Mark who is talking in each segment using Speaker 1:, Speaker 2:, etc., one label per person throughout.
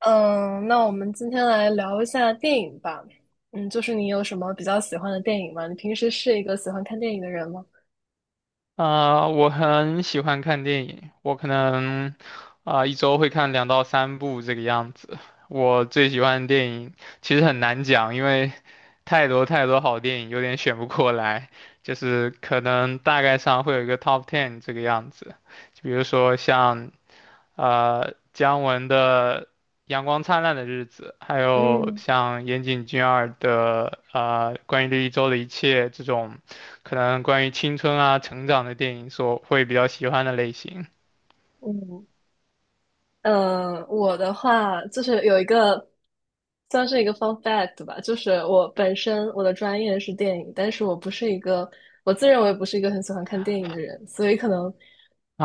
Speaker 1: 嗯，那我们今天来聊一下电影吧。嗯，就是你有什么比较喜欢的电影吗？你平时是一个喜欢看电影的人吗？
Speaker 2: 我很喜欢看电影，我可能一周会看两到三部这个样子。我最喜欢的电影其实很难讲，因为太多太多好电影，有点选不过来。就是可能大概上会有一个 top ten 这个样子，就比如说像姜文的《阳光灿烂的日子》，还有
Speaker 1: 嗯
Speaker 2: 像岩井俊二的关于这一周的一切这种，可能关于青春啊成长的电影所会比较喜欢的类型
Speaker 1: 嗯，嗯，我的话就是有一个算是一个 fun fact 吧，就是我本身我的专业是电影，但是我不是一个我自认为不是一个很喜欢看电影的人，所以可能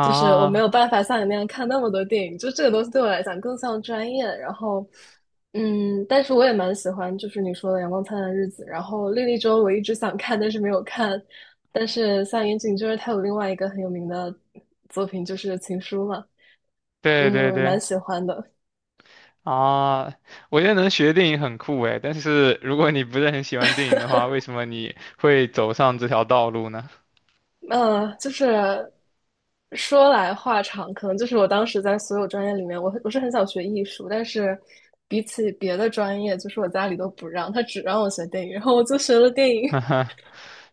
Speaker 1: 就是我没有办法像你那样看那么多电影，就这个东西对我来讲更像专业。然后，嗯，但是我也蛮喜欢就是你说的《阳光灿烂的日子》，然后《莉莉周》我一直想看，但是没有看。但是像岩井就是他有另外一个很有名的作品就是《情书》嘛。
Speaker 2: 对
Speaker 1: 嗯，
Speaker 2: 对
Speaker 1: 我蛮
Speaker 2: 对
Speaker 1: 喜欢的。
Speaker 2: 啊，我觉得能学电影很酷诶，但是如果你不是很喜欢电影的话，为什么你会走上这条道路呢？
Speaker 1: 嗯，就是说来话长，可能就是我当时在所有专业里面，我是很想学艺术，但是比起别的专业，就是我家里都不让，他只让我学电影，然后我就学了电影。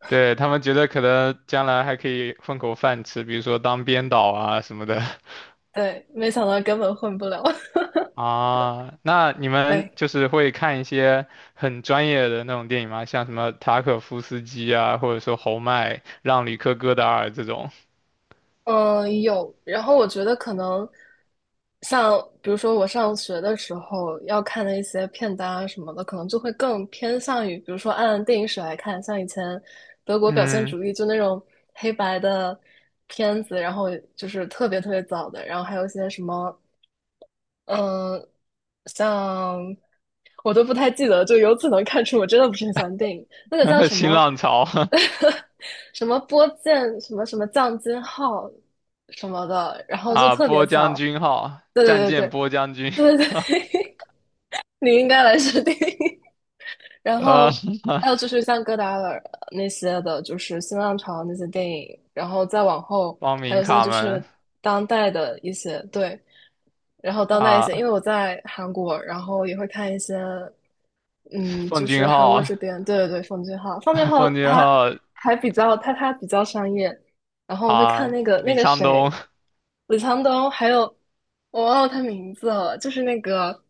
Speaker 2: 对，他们觉得可能将来还可以混口饭吃，比如说当编导啊什么的。
Speaker 1: 对，没想到根本混不了。
Speaker 2: 啊，那你们
Speaker 1: 哎，
Speaker 2: 就是会看一些很专业的那种电影吗？像什么塔可夫斯基啊，或者说侯麦、让吕克·戈达尔这种。
Speaker 1: 嗯，有。然后我觉得可能像，比如说我上学的时候要看的一些片单啊什么的，可能就会更偏向于，比如说按电影史来看，像以前德国表现
Speaker 2: 嗯，
Speaker 1: 主义就那种黑白的片子，然后就是特别特别早的，然后还有一些什么嗯，像我都不太记得，就由此能看出我真的不是很喜欢电影。那个叫 什
Speaker 2: 新
Speaker 1: 么
Speaker 2: 浪潮
Speaker 1: 什么波剑什么什么降金号什么的，然 后就
Speaker 2: 啊，
Speaker 1: 特别
Speaker 2: 波将
Speaker 1: 小。
Speaker 2: 军号、
Speaker 1: 对
Speaker 2: 战
Speaker 1: 对
Speaker 2: 舰
Speaker 1: 对
Speaker 2: 波将军，
Speaker 1: 对对对 对，你应该来试电影。然
Speaker 2: 呃，
Speaker 1: 后还有就 是像戈达尔那些的，就是新浪潮那些电影，然后再往后
Speaker 2: 光
Speaker 1: 还
Speaker 2: 明
Speaker 1: 有一些
Speaker 2: 卡
Speaker 1: 就
Speaker 2: 门
Speaker 1: 是当代的一些对，然后当代一些，因
Speaker 2: 啊，
Speaker 1: 为我在韩国，然后也会看一些，嗯，
Speaker 2: 奉
Speaker 1: 就是
Speaker 2: 俊
Speaker 1: 韩国
Speaker 2: 昊、
Speaker 1: 这边，对对对，奉俊昊，奉俊 昊
Speaker 2: 奉俊
Speaker 1: 他
Speaker 2: 昊
Speaker 1: 还比较他比较商业，然后我会
Speaker 2: 啊，
Speaker 1: 看那个那
Speaker 2: 李
Speaker 1: 个
Speaker 2: 沧东，
Speaker 1: 谁，李沧东，还有我忘了他名字了，就是那个，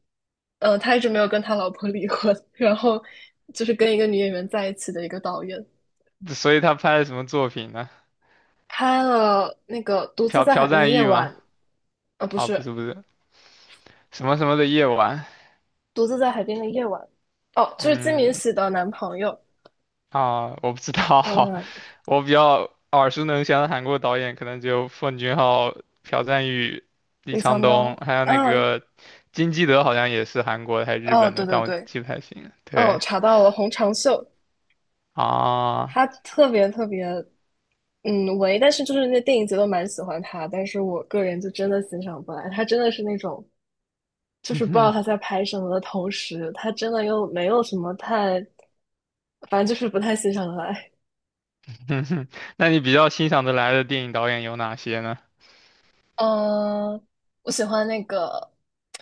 Speaker 1: 他一直没有跟他老婆 离婚，然后就是跟一个女演员在一起的一个导演，
Speaker 2: 所以他拍了什么作品呢？
Speaker 1: 拍了那个《独自
Speaker 2: 朴
Speaker 1: 在海
Speaker 2: 朴
Speaker 1: 边的
Speaker 2: 赞
Speaker 1: 夜
Speaker 2: 郁
Speaker 1: 晚》，
Speaker 2: 吗？
Speaker 1: 不
Speaker 2: 啊，不
Speaker 1: 是
Speaker 2: 是不是，什么什么的夜晚。
Speaker 1: 《独自在海边的夜晚》，哦，就是金敏
Speaker 2: 嗯，
Speaker 1: 喜的男朋友，
Speaker 2: 啊，我不知道，
Speaker 1: 嗯，
Speaker 2: 我比较耳熟能详的韩国导演可能就奉俊昊、朴赞郁、李
Speaker 1: 李
Speaker 2: 沧
Speaker 1: 沧
Speaker 2: 东，
Speaker 1: 东，
Speaker 2: 还有那
Speaker 1: 嗯，
Speaker 2: 个金基德，好像也是韩国的还是日
Speaker 1: 哦，
Speaker 2: 本
Speaker 1: 对
Speaker 2: 的，
Speaker 1: 对
Speaker 2: 但我
Speaker 1: 对，
Speaker 2: 记不太清了。
Speaker 1: 哦，
Speaker 2: 对
Speaker 1: 查到了，洪长秀，
Speaker 2: 啊，
Speaker 1: 他特别特别，嗯，唯，但是就是那电影节都蛮喜欢他，但是我个人就真的欣赏不来，他真的是那种，就是 不知道他在拍什么的同时，他真的又没有什么太，反正就是不太欣赏得来。
Speaker 2: 那你比较欣赏的来的电影导演有哪些呢？
Speaker 1: 嗯、我喜欢那个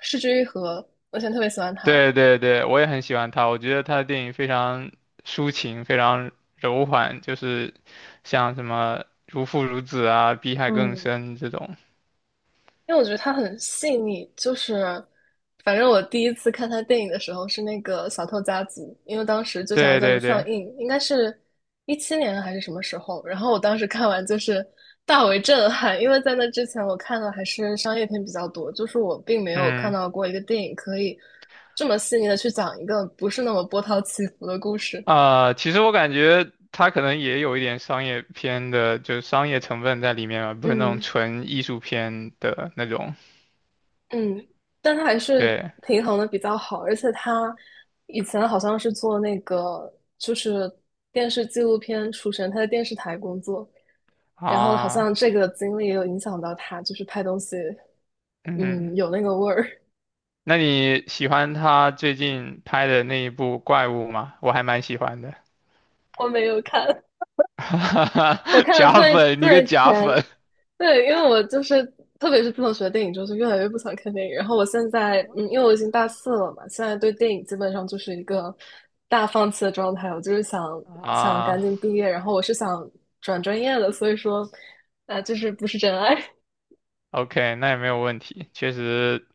Speaker 1: 《失之愈合》，我以前特别喜欢他。
Speaker 2: 对对对，我也很喜欢他，我觉得他的电影非常抒情，非常柔缓，就是像什么《如父如子》啊，《比海更
Speaker 1: 嗯，
Speaker 2: 深》这种。
Speaker 1: 因为我觉得它很细腻，就是反正我第一次看他电影的时候是那个《小偷家族》，因为当时就《小偷
Speaker 2: 对
Speaker 1: 家族》
Speaker 2: 对
Speaker 1: 上
Speaker 2: 对。
Speaker 1: 映，应该是17年还是什么时候，然后我当时看完就是大为震撼，因为在那之前我看的还是商业片比较多，就是我并没有看
Speaker 2: 嗯。
Speaker 1: 到过一个电影可以这么细腻的去讲一个不是那么波涛起伏的故事。
Speaker 2: 啊、其实我感觉他可能也有一点商业片的，就是商业成分在里面嘛，不是那种
Speaker 1: 嗯
Speaker 2: 纯艺术片的那种。
Speaker 1: 嗯，但他还是
Speaker 2: 对
Speaker 1: 平衡的比较好，而且他以前好像是做那个就是电视纪录片出身，他在电视台工作，然后好
Speaker 2: 啊，
Speaker 1: 像这个经历也有影响到他，就是拍东西，
Speaker 2: 嗯，
Speaker 1: 嗯，有那个味儿。
Speaker 2: 那你喜欢他最近拍的那一部《怪物》吗？我还蛮喜欢的，
Speaker 1: 我没有看，我 看了
Speaker 2: 假
Speaker 1: 最
Speaker 2: 粉，你个
Speaker 1: 最
Speaker 2: 假
Speaker 1: 前。
Speaker 2: 粉
Speaker 1: 对，因为我就是特别是自从学电影之后，就越来越不想看电影。然后我现在，嗯，因为我已经大四了嘛，现在对电影基本上就是一个大放弃的状态。我就是想赶
Speaker 2: 啊！
Speaker 1: 紧毕业，然后我是想转专业的，所以说，啊，就是不是真爱。
Speaker 2: OK，那也没有问题。确实，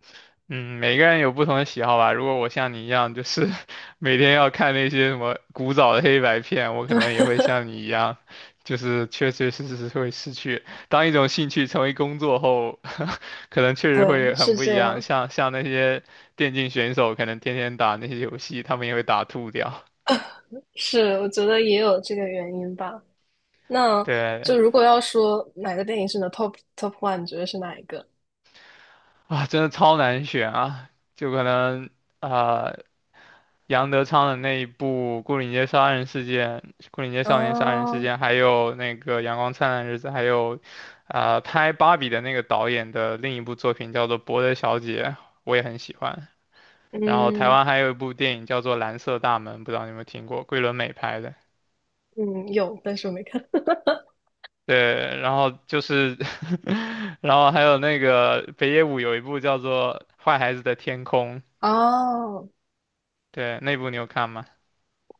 Speaker 2: 嗯，每个人有不同的喜好吧。如果我像你一样，就是 每天要看那些什么古早的黑白片，我可
Speaker 1: 对
Speaker 2: 能也会像你一样，就是确确实实会失去。当一种兴趣成为工作后，可能确实
Speaker 1: 对，
Speaker 2: 会很
Speaker 1: 是
Speaker 2: 不一
Speaker 1: 这
Speaker 2: 样。
Speaker 1: 样，
Speaker 2: 像那些电竞选手，可能天天打那些游戏，他们也会打吐掉。
Speaker 1: 是我觉得也有这个原因吧。那
Speaker 2: 对
Speaker 1: 就如果要说哪个电影是你的 top one,你觉得是哪一个？
Speaker 2: 啊，真的超难选啊，就可能啊。杨德昌的那一部《牯岭街杀人事件》《牯岭街少年杀人事
Speaker 1: 哦，
Speaker 2: 件》，还有那个《阳光灿烂的日子》，还有，呃，拍《芭比》的那个导演的另一部作品叫做《伯德小姐》，我也很喜欢。然后台
Speaker 1: 嗯
Speaker 2: 湾还有一部电影叫做《蓝色大门》，不知道你有没有听过，桂纶镁拍的。
Speaker 1: 嗯，有，但是我没看。
Speaker 2: 对，然后就是 然后还有那个北野武有一部叫做《坏孩子的天空》，
Speaker 1: 哦，
Speaker 2: 对，那部你有看吗？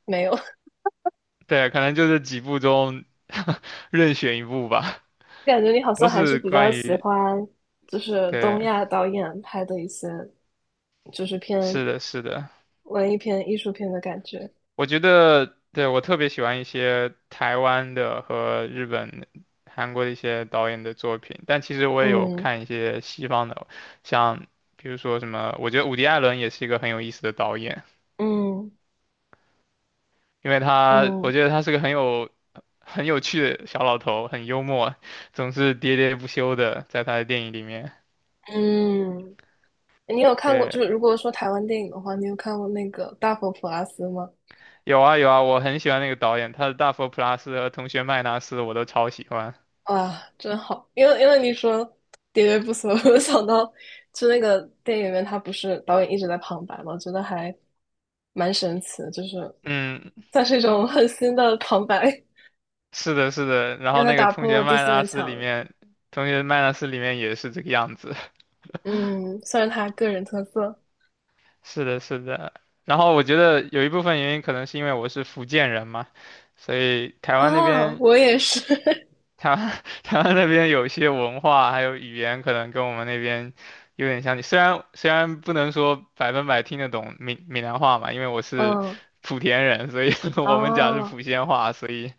Speaker 1: 没有，
Speaker 2: 对，可能就是几部中任选一部吧，
Speaker 1: 感觉你好
Speaker 2: 都
Speaker 1: 像还是
Speaker 2: 是
Speaker 1: 比较
Speaker 2: 关
Speaker 1: 喜
Speaker 2: 于
Speaker 1: 欢，就是东
Speaker 2: 对，
Speaker 1: 亚导演拍的一些，就是偏
Speaker 2: 是的，是的，
Speaker 1: 文艺片、艺术片的感觉。
Speaker 2: 我觉得，对，我特别喜欢一些台湾的和日本、韩国的一些导演的作品，但其实我也有
Speaker 1: 嗯
Speaker 2: 看一些西方的，像比如说什么，我觉得伍迪·艾伦也是一个很有意思的导演，
Speaker 1: 嗯
Speaker 2: 因为他，
Speaker 1: 嗯
Speaker 2: 我觉得他是个很有很有趣的小老头，很幽默，总是喋喋不休的，在他的电影里面。
Speaker 1: 嗯，你有看过？
Speaker 2: 对，
Speaker 1: 就是如果说台湾电影的话，你有看过那个《大佛普拉斯》吗？
Speaker 2: 有啊有啊，我很喜欢那个导演，他的《大佛普拉斯》和《同学麦纳斯》我都超喜欢。
Speaker 1: 啊，真好！因为你说喋喋不休，我就想到，就那个电影里面，他不是导演一直在旁白吗？我觉得还蛮神奇的，就是
Speaker 2: 嗯，
Speaker 1: 算是一种很新的旁白。
Speaker 2: 是的，是的，然
Speaker 1: 让
Speaker 2: 后
Speaker 1: 他
Speaker 2: 那个
Speaker 1: 打
Speaker 2: 同
Speaker 1: 破
Speaker 2: 学
Speaker 1: 了第
Speaker 2: 麦
Speaker 1: 四面
Speaker 2: 纳斯里
Speaker 1: 墙。
Speaker 2: 面，同学麦纳斯里面也是这个样子。
Speaker 1: 嗯，算是他个人特色
Speaker 2: 是的，是的。然后我觉得有一部分原因可能是因为我是福建人嘛，所以台湾那
Speaker 1: 啊，
Speaker 2: 边，
Speaker 1: 我也是。
Speaker 2: 台湾 台湾那边有一些文化还有语言可能跟我们那边有点像。虽然不能说百分百听得懂闽南话嘛，因为我 是
Speaker 1: 嗯，
Speaker 2: 莆田人，所以 我们讲是
Speaker 1: 哦，
Speaker 2: 莆仙话，所以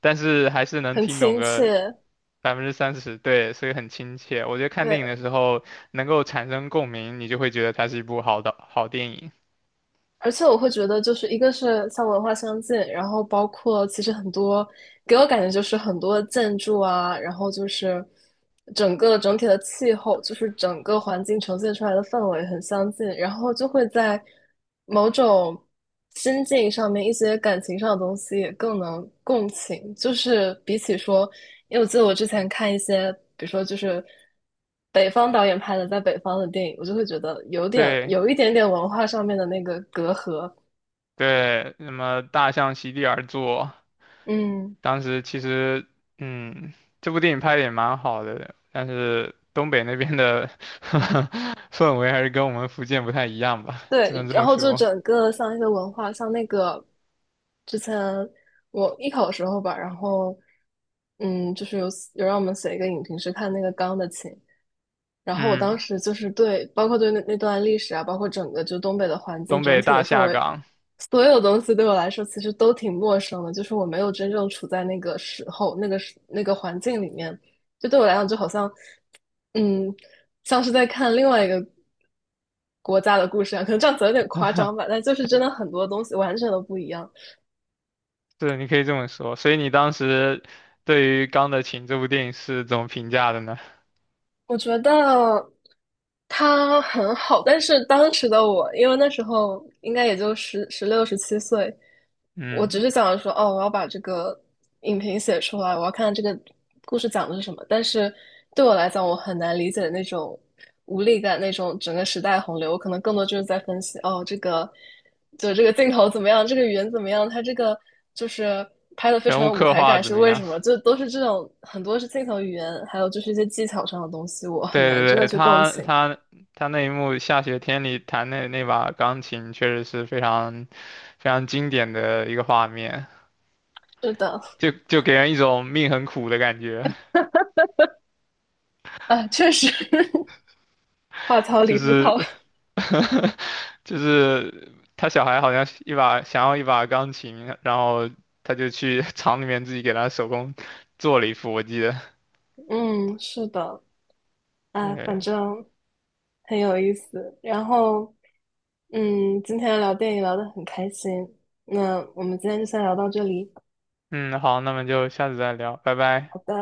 Speaker 2: 但是还是能
Speaker 1: 很
Speaker 2: 听懂
Speaker 1: 亲
Speaker 2: 个
Speaker 1: 切。
Speaker 2: 30%，对，所以很亲切。我觉得看电影的
Speaker 1: 对，
Speaker 2: 时候能够产生共鸣，你就会觉得它是一部好电影。
Speaker 1: 而且我会觉得，就是一个是像文化相近，然后包括其实很多给我感觉就是很多建筑啊，然后就是整个整体的气候，就是整个环境呈现出来的氛围很相近，然后就会在某种心境上面一些感情上的东西也更能共情，就是比起说，因为我记得我之前看一些，比如说就是。北方导演拍的在北方的电影，我就会觉得有点
Speaker 2: 对
Speaker 1: 有一点点文化上面的那个隔阂。
Speaker 2: 对，那么《大象席地而坐》，
Speaker 1: 嗯，
Speaker 2: 当时其实，嗯，这部电影拍的也蛮好的，但是东北那边的 氛围还是跟我们福建不太一样吧，只
Speaker 1: 对，
Speaker 2: 能这
Speaker 1: 然
Speaker 2: 么
Speaker 1: 后就
Speaker 2: 说。
Speaker 1: 整个像一些文化，像那个之前我艺考的时候吧，然后嗯，就是有让我们写一个影评，是看那个《钢的琴》，然后我当
Speaker 2: 嗯，
Speaker 1: 时就是对，包括对那段历史啊，包括整个就东北的环境、
Speaker 2: 东
Speaker 1: 整
Speaker 2: 北
Speaker 1: 体的
Speaker 2: 大
Speaker 1: 氛
Speaker 2: 下
Speaker 1: 围，
Speaker 2: 岗，
Speaker 1: 所有东西对我来说其实都挺陌生的，就是我没有真正处在那个时候、那个时那个环境里面，就对我来讲就好像，嗯，像是在看另外一个国家的故事啊，可能这样子有点夸张吧，但就是真的很多东西完全都不一样。
Speaker 2: 对，你可以这么说。所以你当时对于《钢的琴》这部电影是怎么评价的呢？
Speaker 1: 我觉得他很好，但是当时的我，因为那时候应该也就十六、17岁，我只
Speaker 2: 嗯。
Speaker 1: 是想着说，哦，我要把这个影评写出来，我要看看这个故事讲的是什么。但是对我来讲，我很难理解那种无力感，那种整个时代洪流，我可能更多就是在分析，哦，这个。就这个镜头怎么样，这个语言怎么样，它这个就是拍的非
Speaker 2: 人
Speaker 1: 常
Speaker 2: 物
Speaker 1: 有舞
Speaker 2: 刻
Speaker 1: 台
Speaker 2: 画
Speaker 1: 感，
Speaker 2: 怎
Speaker 1: 是
Speaker 2: 么
Speaker 1: 为
Speaker 2: 样？
Speaker 1: 什么？就都是这种很多是镜头语言，还有就是一些技巧上的东西，我 很
Speaker 2: 对
Speaker 1: 难
Speaker 2: 对
Speaker 1: 真的
Speaker 2: 对，
Speaker 1: 去共
Speaker 2: 他
Speaker 1: 情。
Speaker 2: 他他那一幕下雪天里弹那把钢琴，确实是非常非常经典的一个画面，
Speaker 1: 是的，
Speaker 2: 就给人一种命很苦的感觉，
Speaker 1: 啊，确实 话糙
Speaker 2: 就
Speaker 1: 理不糙。
Speaker 2: 是 就是他小孩好像是一把想要一把钢琴，然后他就去 厂里面自己给他手工做了一副，我记得。
Speaker 1: 嗯，是的，啊，反
Speaker 2: 对，
Speaker 1: 正很有意思。然后，嗯，今天聊电影聊得很开心，那我们今天就先聊到这里。
Speaker 2: 嗯，好，那么就下次再聊，拜
Speaker 1: 好
Speaker 2: 拜。
Speaker 1: 的。